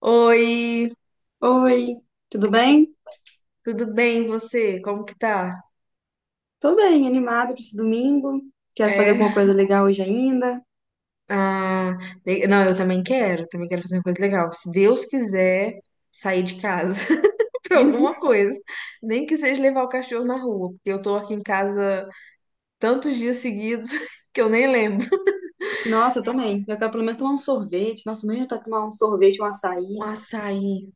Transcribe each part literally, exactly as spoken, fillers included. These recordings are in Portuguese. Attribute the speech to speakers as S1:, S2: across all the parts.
S1: Oi,
S2: Oi, tudo bem?
S1: tudo bem? E você? Como que tá?
S2: Tô bem, animada pra esse domingo. Quero fazer alguma
S1: É?
S2: coisa legal hoje ainda.
S1: Ah, le- não, eu também quero, também quero fazer uma coisa legal. Se Deus quiser sair de casa pra alguma coisa, nem que seja levar o cachorro na rua, porque eu tô aqui em casa tantos dias seguidos que eu nem lembro.
S2: Nossa, eu também. Eu quero pelo menos tomar um sorvete. Nossa, mesmo tá tomar um sorvete, um
S1: Um
S2: açaí.
S1: açaí,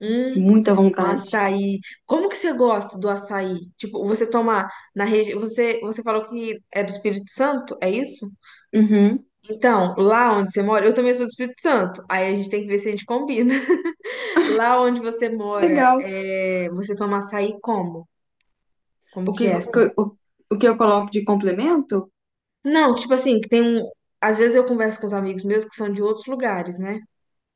S1: hum,
S2: Muita
S1: um
S2: vontade.
S1: açaí. Como que você gosta do açaí? Tipo, você toma na região, você, você falou que é do Espírito Santo, é isso?
S2: Uhum.
S1: Então, lá onde você mora, eu também sou do Espírito Santo. Aí a gente tem que ver se a gente combina. Lá onde você mora,
S2: Legal.
S1: é, você toma açaí como? Como
S2: O
S1: que
S2: que,
S1: é assim?
S2: que- o, o que eu coloco de complemento?
S1: Não, tipo assim, que tem um. Às vezes eu converso com os amigos meus que são de outros lugares, né?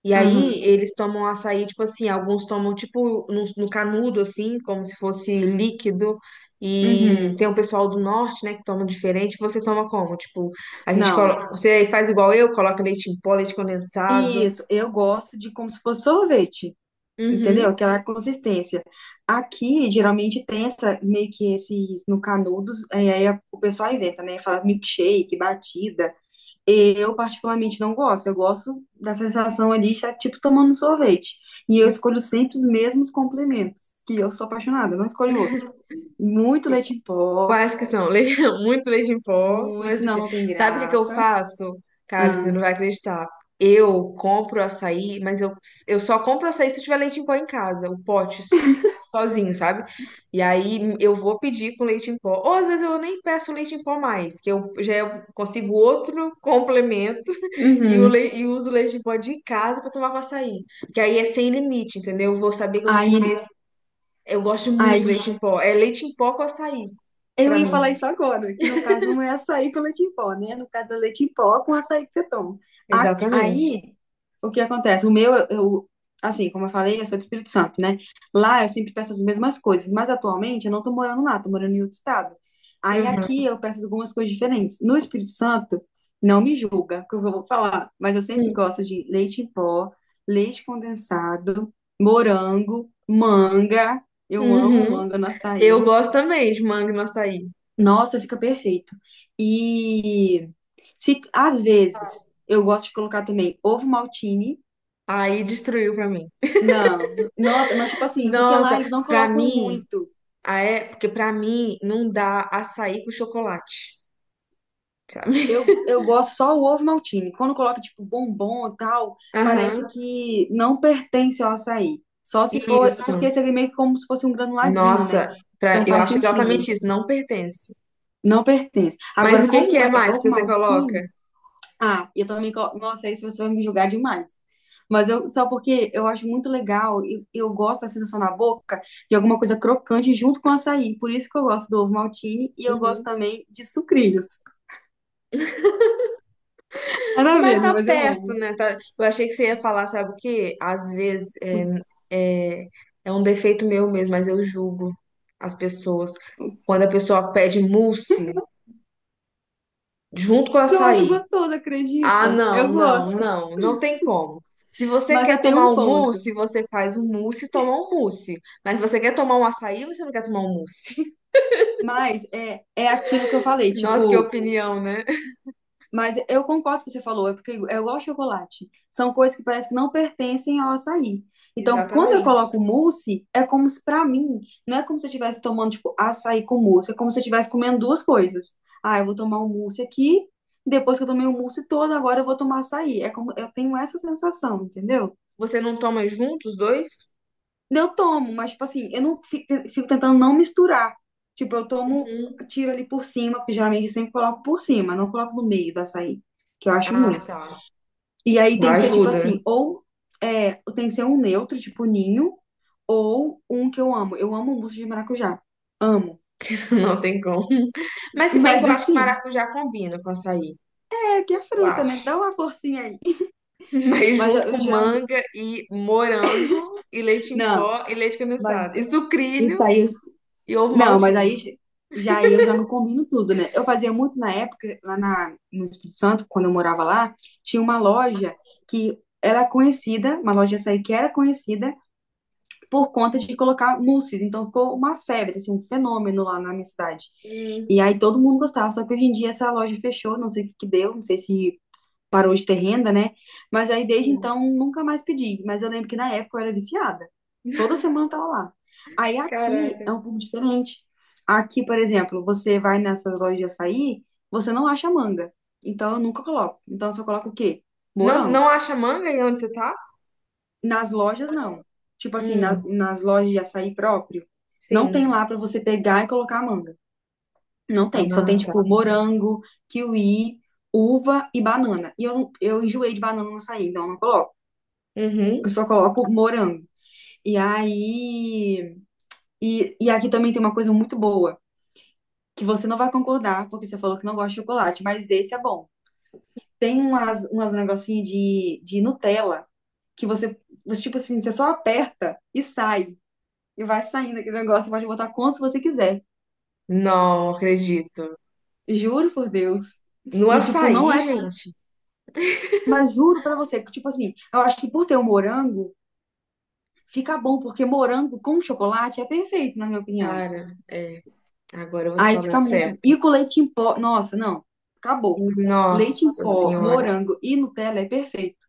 S1: E
S2: Uhum.
S1: aí eles tomam açaí, tipo assim, alguns tomam tipo no, no canudo, assim, como se fosse líquido. E
S2: Uhum.
S1: tem o pessoal do norte, né, que toma diferente. Você toma como? Tipo, a gente
S2: Não,
S1: coloca. Você faz igual eu, coloca leite em pó, leite condensado.
S2: isso. Eu gosto de como se fosse sorvete. Entendeu?
S1: Uhum.
S2: Aquela consistência. Aqui, geralmente, tem essa, meio que esses, no canudos, aí, aí a- o pessoal inventa, né? Fala milkshake, batida. Eu, particularmente, não gosto. Eu gosto da sensação ali, de estar, tipo, tomando um sorvete. E eu escolho sempre os mesmos complementos, que eu sou apaixonada, não escolho outro. Muito leite em pó,
S1: Quais que são? Le- Muito leite em pó,
S2: muito,
S1: mas o
S2: senão
S1: quê?
S2: não tem
S1: Sabe o que que eu
S2: graça.
S1: faço? Cara, você
S2: Hum.
S1: não vai acreditar. Eu compro açaí, mas eu, eu só compro açaí se eu tiver leite em pó em casa, o pote sozinho, sabe? E aí eu vou pedir com leite em pó. Ou às vezes eu nem peço leite em pó mais, que eu já consigo outro complemento e, o
S2: Uhum.
S1: le- e uso leite em pó de casa pra tomar com açaí. Que aí é sem limite, entendeu? Eu vou saber que eu vou
S2: Aí,
S1: comer. Eu gosto muito de
S2: aí
S1: leite em pó. É leite em pó com açaí,
S2: Eu
S1: pra
S2: ia falar
S1: mim.
S2: isso agora, que no caso não é açaí com leite em pó, né? No caso é leite em pó com açaí que você toma. A-
S1: Exatamente.
S2: Aí, o que acontece? O meu, eu, eu- assim, como eu falei, eu sou do Espírito Santo, né? Lá eu sempre peço as mesmas coisas, mas atualmente eu não tô morando lá, tô morando em outro estado. Aí aqui
S1: Aham.
S2: eu peço algumas coisas diferentes. No Espírito Santo, não me julga, que eu vou falar, mas eu sempre gosto de leite em pó, leite condensado, morango, manga. Eu amo
S1: Uhum.
S2: manga no
S1: Eu
S2: açaí.
S1: gosto também de manga no açaí.
S2: Nossa, fica perfeito. E se às vezes eu gosto de colocar também ovo maltine.
S1: Aí destruiu pra mim.
S2: Não, nossa, mas tipo assim, porque lá
S1: Nossa,
S2: eles não
S1: pra
S2: colocam
S1: mim,
S2: muito.
S1: a é, porque pra mim não dá açaí com chocolate, sabe?
S2: Eu, eu gosto só o ovo maltine. Quando coloca tipo bombom e tal, parece
S1: Aham,
S2: que não pertence ao açaí. Só se for, porque
S1: isso.
S2: seria meio que como se fosse um granuladinho, né?
S1: Nossa, pra,
S2: Então
S1: eu
S2: faz
S1: acho
S2: sentido.
S1: exatamente isso, não pertence.
S2: Não pertence.
S1: Mas
S2: Agora,
S1: o que que
S2: como
S1: é
S2: é
S1: mais
S2: ovo
S1: que você coloca?
S2: maltine, Ah, eu também. co- Nossa, aí você vai me julgar demais. Mas eu só porque eu acho muito legal e eu, gosto da sensação na boca de alguma coisa crocante junto com açaí. Por isso que eu gosto do ovo maltine e eu gosto também de sucrilhos. Nada a
S1: Mas
S2: ver, né?
S1: tá
S2: Mas eu
S1: perto,
S2: amo.
S1: né? Tá- eu achei que você ia falar, sabe o quê? Às vezes é, é, é um defeito meu mesmo, mas eu julgo as pessoas. Quando a pessoa pede mousse junto com
S2: Mas eu acho
S1: açaí.
S2: gostoso,
S1: Ah,
S2: acredita? Eu
S1: não, não,
S2: gosto.
S1: não, não tem como. Se você
S2: Mas eu
S1: quer
S2: tenho
S1: tomar
S2: um
S1: um
S2: ponto.
S1: mousse, você faz um mousse e toma um mousse. Mas se você quer tomar um açaí, você não quer tomar um mousse.
S2: Mas é, é aquilo que eu falei,
S1: Nossa, que
S2: tipo.
S1: opinião, né?
S2: Mas eu concordo com o que você falou, é porque eu gosto de chocolate. São coisas que parece que não pertencem ao açaí. Então, quando eu
S1: Exatamente.
S2: coloco mousse, é como se, pra mim, não é como se eu estivesse tomando, tipo, açaí com mousse, é como se eu estivesse comendo duas coisas. Ah, eu vou tomar um mousse aqui, depois que eu tomei o mousse todo, agora eu vou tomar açaí. É como, eu tenho essa sensação, entendeu?
S1: Você não toma junto os dois?
S2: Eu tomo, mas, tipo assim, eu não fico, fico tentando não misturar. Tipo, eu tomo,
S1: Uhum.
S2: tiro ali por cima, porque geralmente eu sempre coloco por cima, não coloco no meio do açaí, que eu acho ruim.
S1: Ah, tá.
S2: E aí tem
S1: Já
S2: que ser tipo
S1: ajuda,
S2: assim, ou é, tem que ser um neutro, tipo ninho, ou um que eu amo. Eu amo mousse de maracujá. Amo.
S1: não tem como. Mas se bem que
S2: Mas
S1: eu acho que
S2: assim,
S1: maracujá combina com açaí,
S2: é que é
S1: eu
S2: fruta, né?
S1: acho.
S2: Dá uma forcinha aí.
S1: Mas
S2: Mas
S1: junto
S2: eu,
S1: com
S2: eu geralmente.
S1: manga e morango e leite em
S2: Não,
S1: pó e leite
S2: mas
S1: condensado. E
S2: isso
S1: sucrilho
S2: aí.
S1: e ovo
S2: Não, mas aí
S1: maltine.
S2: já eu já não combino tudo, né? Eu fazia muito na época, lá na, no Espírito Santo, quando eu morava lá, tinha uma loja que era conhecida, uma loja açaí que era conhecida por conta de colocar mousses. Então ficou uma febre, assim, um fenômeno lá na minha cidade.
S1: Hum,
S2: E aí todo mundo gostava, só que hoje em dia essa loja fechou, não sei o que que deu, não sei se parou de ter renda, né? Mas aí desde
S1: sim.
S2: então nunca mais pedi. Mas eu lembro que na época eu era viciada. Toda semana eu tava lá. Aí aqui
S1: Caraca.
S2: é um pouco diferente. Aqui, por exemplo, você vai nessas lojas de açaí, você não acha manga. Então eu nunca coloco. Então eu só coloco o quê?
S1: Não,
S2: Morango.
S1: não acha manga aí onde você tá?
S2: Nas lojas, não. Tipo assim, na-
S1: Hum,
S2: nas lojas de açaí próprio, não
S1: sim.
S2: tem lá pra você pegar e colocar a manga. Não
S1: Ah,
S2: tem. Só tem, tipo,
S1: tá.
S2: morango, kiwi, uva e banana. E eu, não- eu enjoei de banana no açaí, então eu não coloco. Eu
S1: Uhum.
S2: só coloco morango. E aí. E, e aqui também tem uma coisa muito boa, que você não vai concordar, porque você falou que não gosta de chocolate, mas esse é bom. Tem umas, umas negocinhos de, de Nutella que você, você, tipo assim, você só aperta e sai. E vai saindo aquele negócio. Você pode botar quantos você quiser.
S1: Não acredito.
S2: Juro por Deus.
S1: No
S2: E, tipo, não
S1: açaí,
S2: é.
S1: gente.
S2: Mas juro pra você, que, tipo assim, eu acho que por ter o morango, fica bom, porque morango com chocolate é perfeito, na minha opinião.
S1: Cara, é, agora você
S2: Aí
S1: falou
S2: fica muito.
S1: certo.
S2: E com leite em pó. Nossa, não. Acabou. Leite em
S1: Nossa
S2: pó,
S1: senhora.
S2: morango e Nutella é perfeito.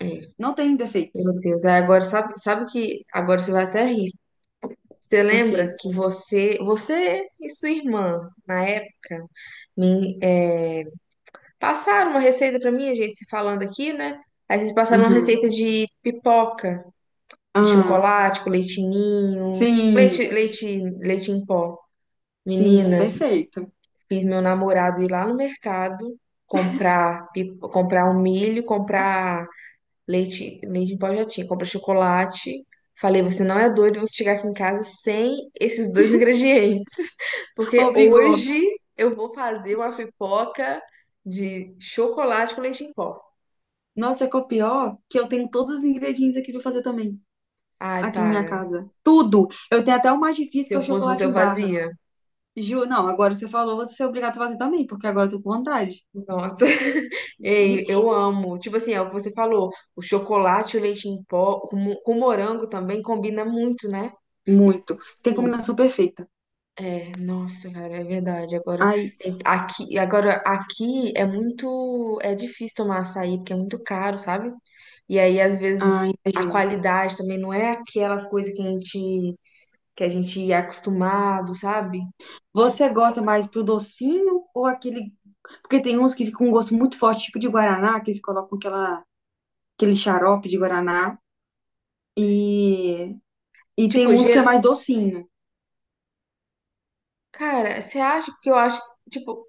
S1: É.
S2: Não tem
S1: Meu
S2: defeitos.
S1: Deus, aí agora sabe, sabe que agora você vai até rir. Você
S2: O
S1: lembra
S2: quê?
S1: que você, você e sua irmã, na época, me, é, passaram uma receita pra mim, a gente se falando aqui, né? Aí vocês passaram uma
S2: Aham.
S1: receita de pipoca, de
S2: Ah,
S1: chocolate com leitinho,
S2: sim.
S1: leite, leite, leite em pó.
S2: Sim, é
S1: Menina,
S2: perfeito.
S1: fiz meu namorado ir lá no mercado comprar, pip- comprar um milho, comprar leite, leite em pó já tinha. Comprei chocolate. Falei, você não é doido você chegar aqui em casa sem esses dois ingredientes. Porque
S2: Obrigou.
S1: hoje eu vou fazer uma pipoca de chocolate com leite em pó.
S2: Nossa, é que é o pior que eu tenho todos os ingredientes aqui pra fazer também.
S1: Ai,
S2: Aqui na minha
S1: para.
S2: casa. Tudo. Eu tenho até o mais difícil,
S1: Se
S2: que
S1: eu
S2: é o
S1: fosse você,
S2: chocolate
S1: eu
S2: em barra.
S1: fazia.
S2: Ju, não, agora você falou, você é obrigado a fazer também, porque agora eu tô com vontade.
S1: Nossa. Ei, eu amo. Tipo assim, é o que você falou. O chocolate e o leite em pó com, mo- com morango também combina muito, né?
S2: Muito. Tem
S1: Assim,
S2: combinação perfeita.
S1: nossa, cara, é verdade. Agora
S2: Ai,
S1: é, aqui, agora aqui é muito, é difícil tomar açaí porque é muito caro, sabe? E aí às vezes
S2: ai,
S1: a
S2: imagino.
S1: qualidade também não é aquela coisa que a gente que a gente é acostumado, sabe? Tipo,
S2: Você gosta mais pro docinho ou aquele. Porque tem uns que ficam com um gosto muito forte, tipo de guaraná, que eles colocam aquela, aquele xarope de guaraná.
S1: se-
S2: E, e tem
S1: tipo,
S2: uns que é
S1: gera-
S2: mais docinho.
S1: cara, você acha porque eu acho, tipo,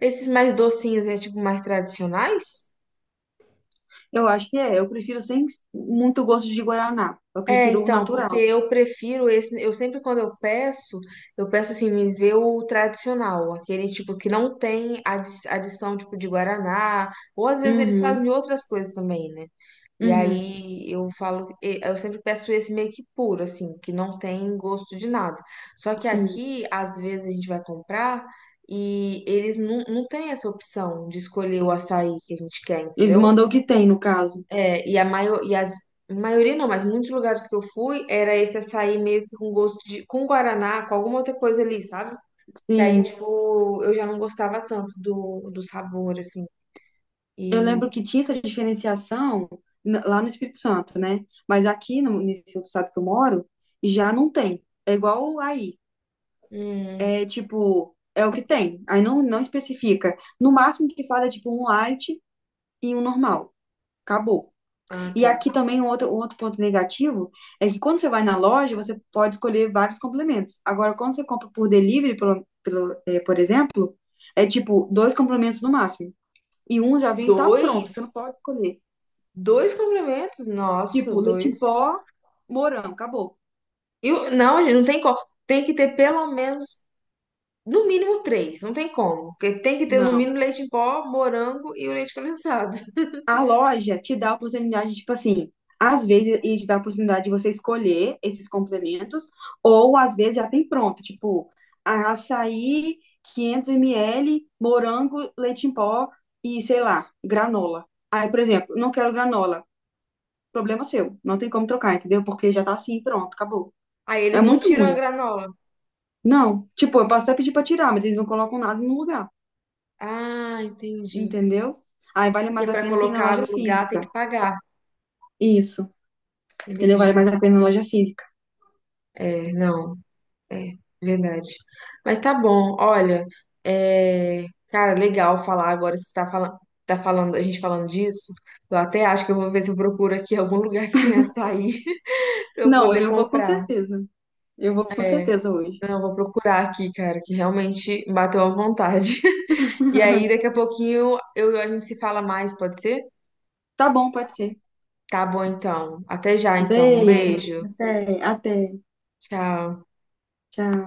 S1: esses mais docinhos é tipo mais tradicionais?
S2: Eu acho que é. Eu prefiro sem muito gosto de guaraná. Eu
S1: É,
S2: prefiro o
S1: então, porque
S2: natural.
S1: eu prefiro esse, eu sempre quando eu peço, eu peço assim, me vê o tradicional, aquele tipo que não tem adi- adição tipo de guaraná, ou às vezes eles fazem
S2: Uhum,
S1: de outras coisas também, né? E
S2: uhum.
S1: aí eu falo, e- eu sempre peço esse meio que puro, assim, que não tem gosto de nada. Só que
S2: Sim.
S1: aqui, às vezes a gente vai comprar e eles não, não têm essa opção de escolher o açaí que a gente quer,
S2: Eles
S1: entendeu?
S2: mandam o que tem, no caso.
S1: É, e a maior, e as maioria não, mas muitos lugares que eu fui era esse açaí meio que com gosto de com guaraná, com alguma outra coisa ali, sabe? Que aí
S2: Sim.
S1: tipo, eu já não gostava tanto do, do sabor assim.
S2: Eu
S1: E
S2: lembro que tinha essa diferenciação n- lá no Espírito Santo, né? Mas aqui, no, nesse outro estado que eu moro, já não tem. É igual aí.
S1: hum,
S2: É tipo, é o que tem. Aí não, não especifica. No máximo que fala é tipo um light e um normal. Acabou.
S1: ah,
S2: E
S1: tá.
S2: aqui também um outro, um outro, ponto negativo é que quando você vai na loja, você pode escolher vários complementos. Agora, quando você compra por delivery, pelo, pelo, eh, por exemplo, é tipo dois complementos no máximo. E um já vem, tá pronto, você não
S1: Dois,
S2: pode escolher.
S1: dois complementos. Nossa,
S2: Tipo, leite em
S1: dois.
S2: pó, morango, acabou.
S1: E o- não, gente, não tem como. Tem que ter pelo menos no mínimo três, não tem como. Porque tem que ter no
S2: Não.
S1: mínimo leite em pó, morango e o leite condensado.
S2: A loja te dá a oportunidade, tipo assim, às vezes ele te dá a oportunidade de você escolher esses complementos, ou às vezes já tem pronto, tipo, a- açaí, quinhentos mililitros, morango, leite em pó e, sei lá, granola. Aí, por exemplo, não quero granola. Problema seu. Não tem como trocar, entendeu? Porque já tá assim, pronto, acabou.
S1: Aí
S2: É
S1: eles não
S2: muito
S1: tiram a
S2: ruim.
S1: granola.
S2: Não. Tipo, eu posso até pedir pra tirar, mas eles não colocam nada no lugar.
S1: Ah, entendi.
S2: Entendeu? Aí vale
S1: Porque
S2: mais a
S1: para
S2: pena você ir na
S1: colocar no
S2: loja
S1: lugar tem que
S2: física.
S1: pagar.
S2: Isso, entendeu?
S1: Entendi.
S2: Vale mais a pena na loja física.
S1: É, não, é verdade. Mas tá bom, olha, é, cara, legal falar agora. Você tá falando, tá falando, a gente falando disso. Eu até acho que eu vou ver se eu procuro aqui algum lugar que tenha açaí pra eu
S2: Não,
S1: poder
S2: eu vou com
S1: comprar.
S2: certeza. Eu vou com certeza hoje.
S1: Não, eu vou procurar aqui, cara, que realmente bateu à vontade. E aí, daqui a pouquinho, eu, a gente se fala mais, pode ser?
S2: Tá bom, pode ser.
S1: Tá bom, então. Até já, então. Um
S2: Beijo.
S1: beijo.
S2: Até, até.
S1: Tchau.
S2: Tchau.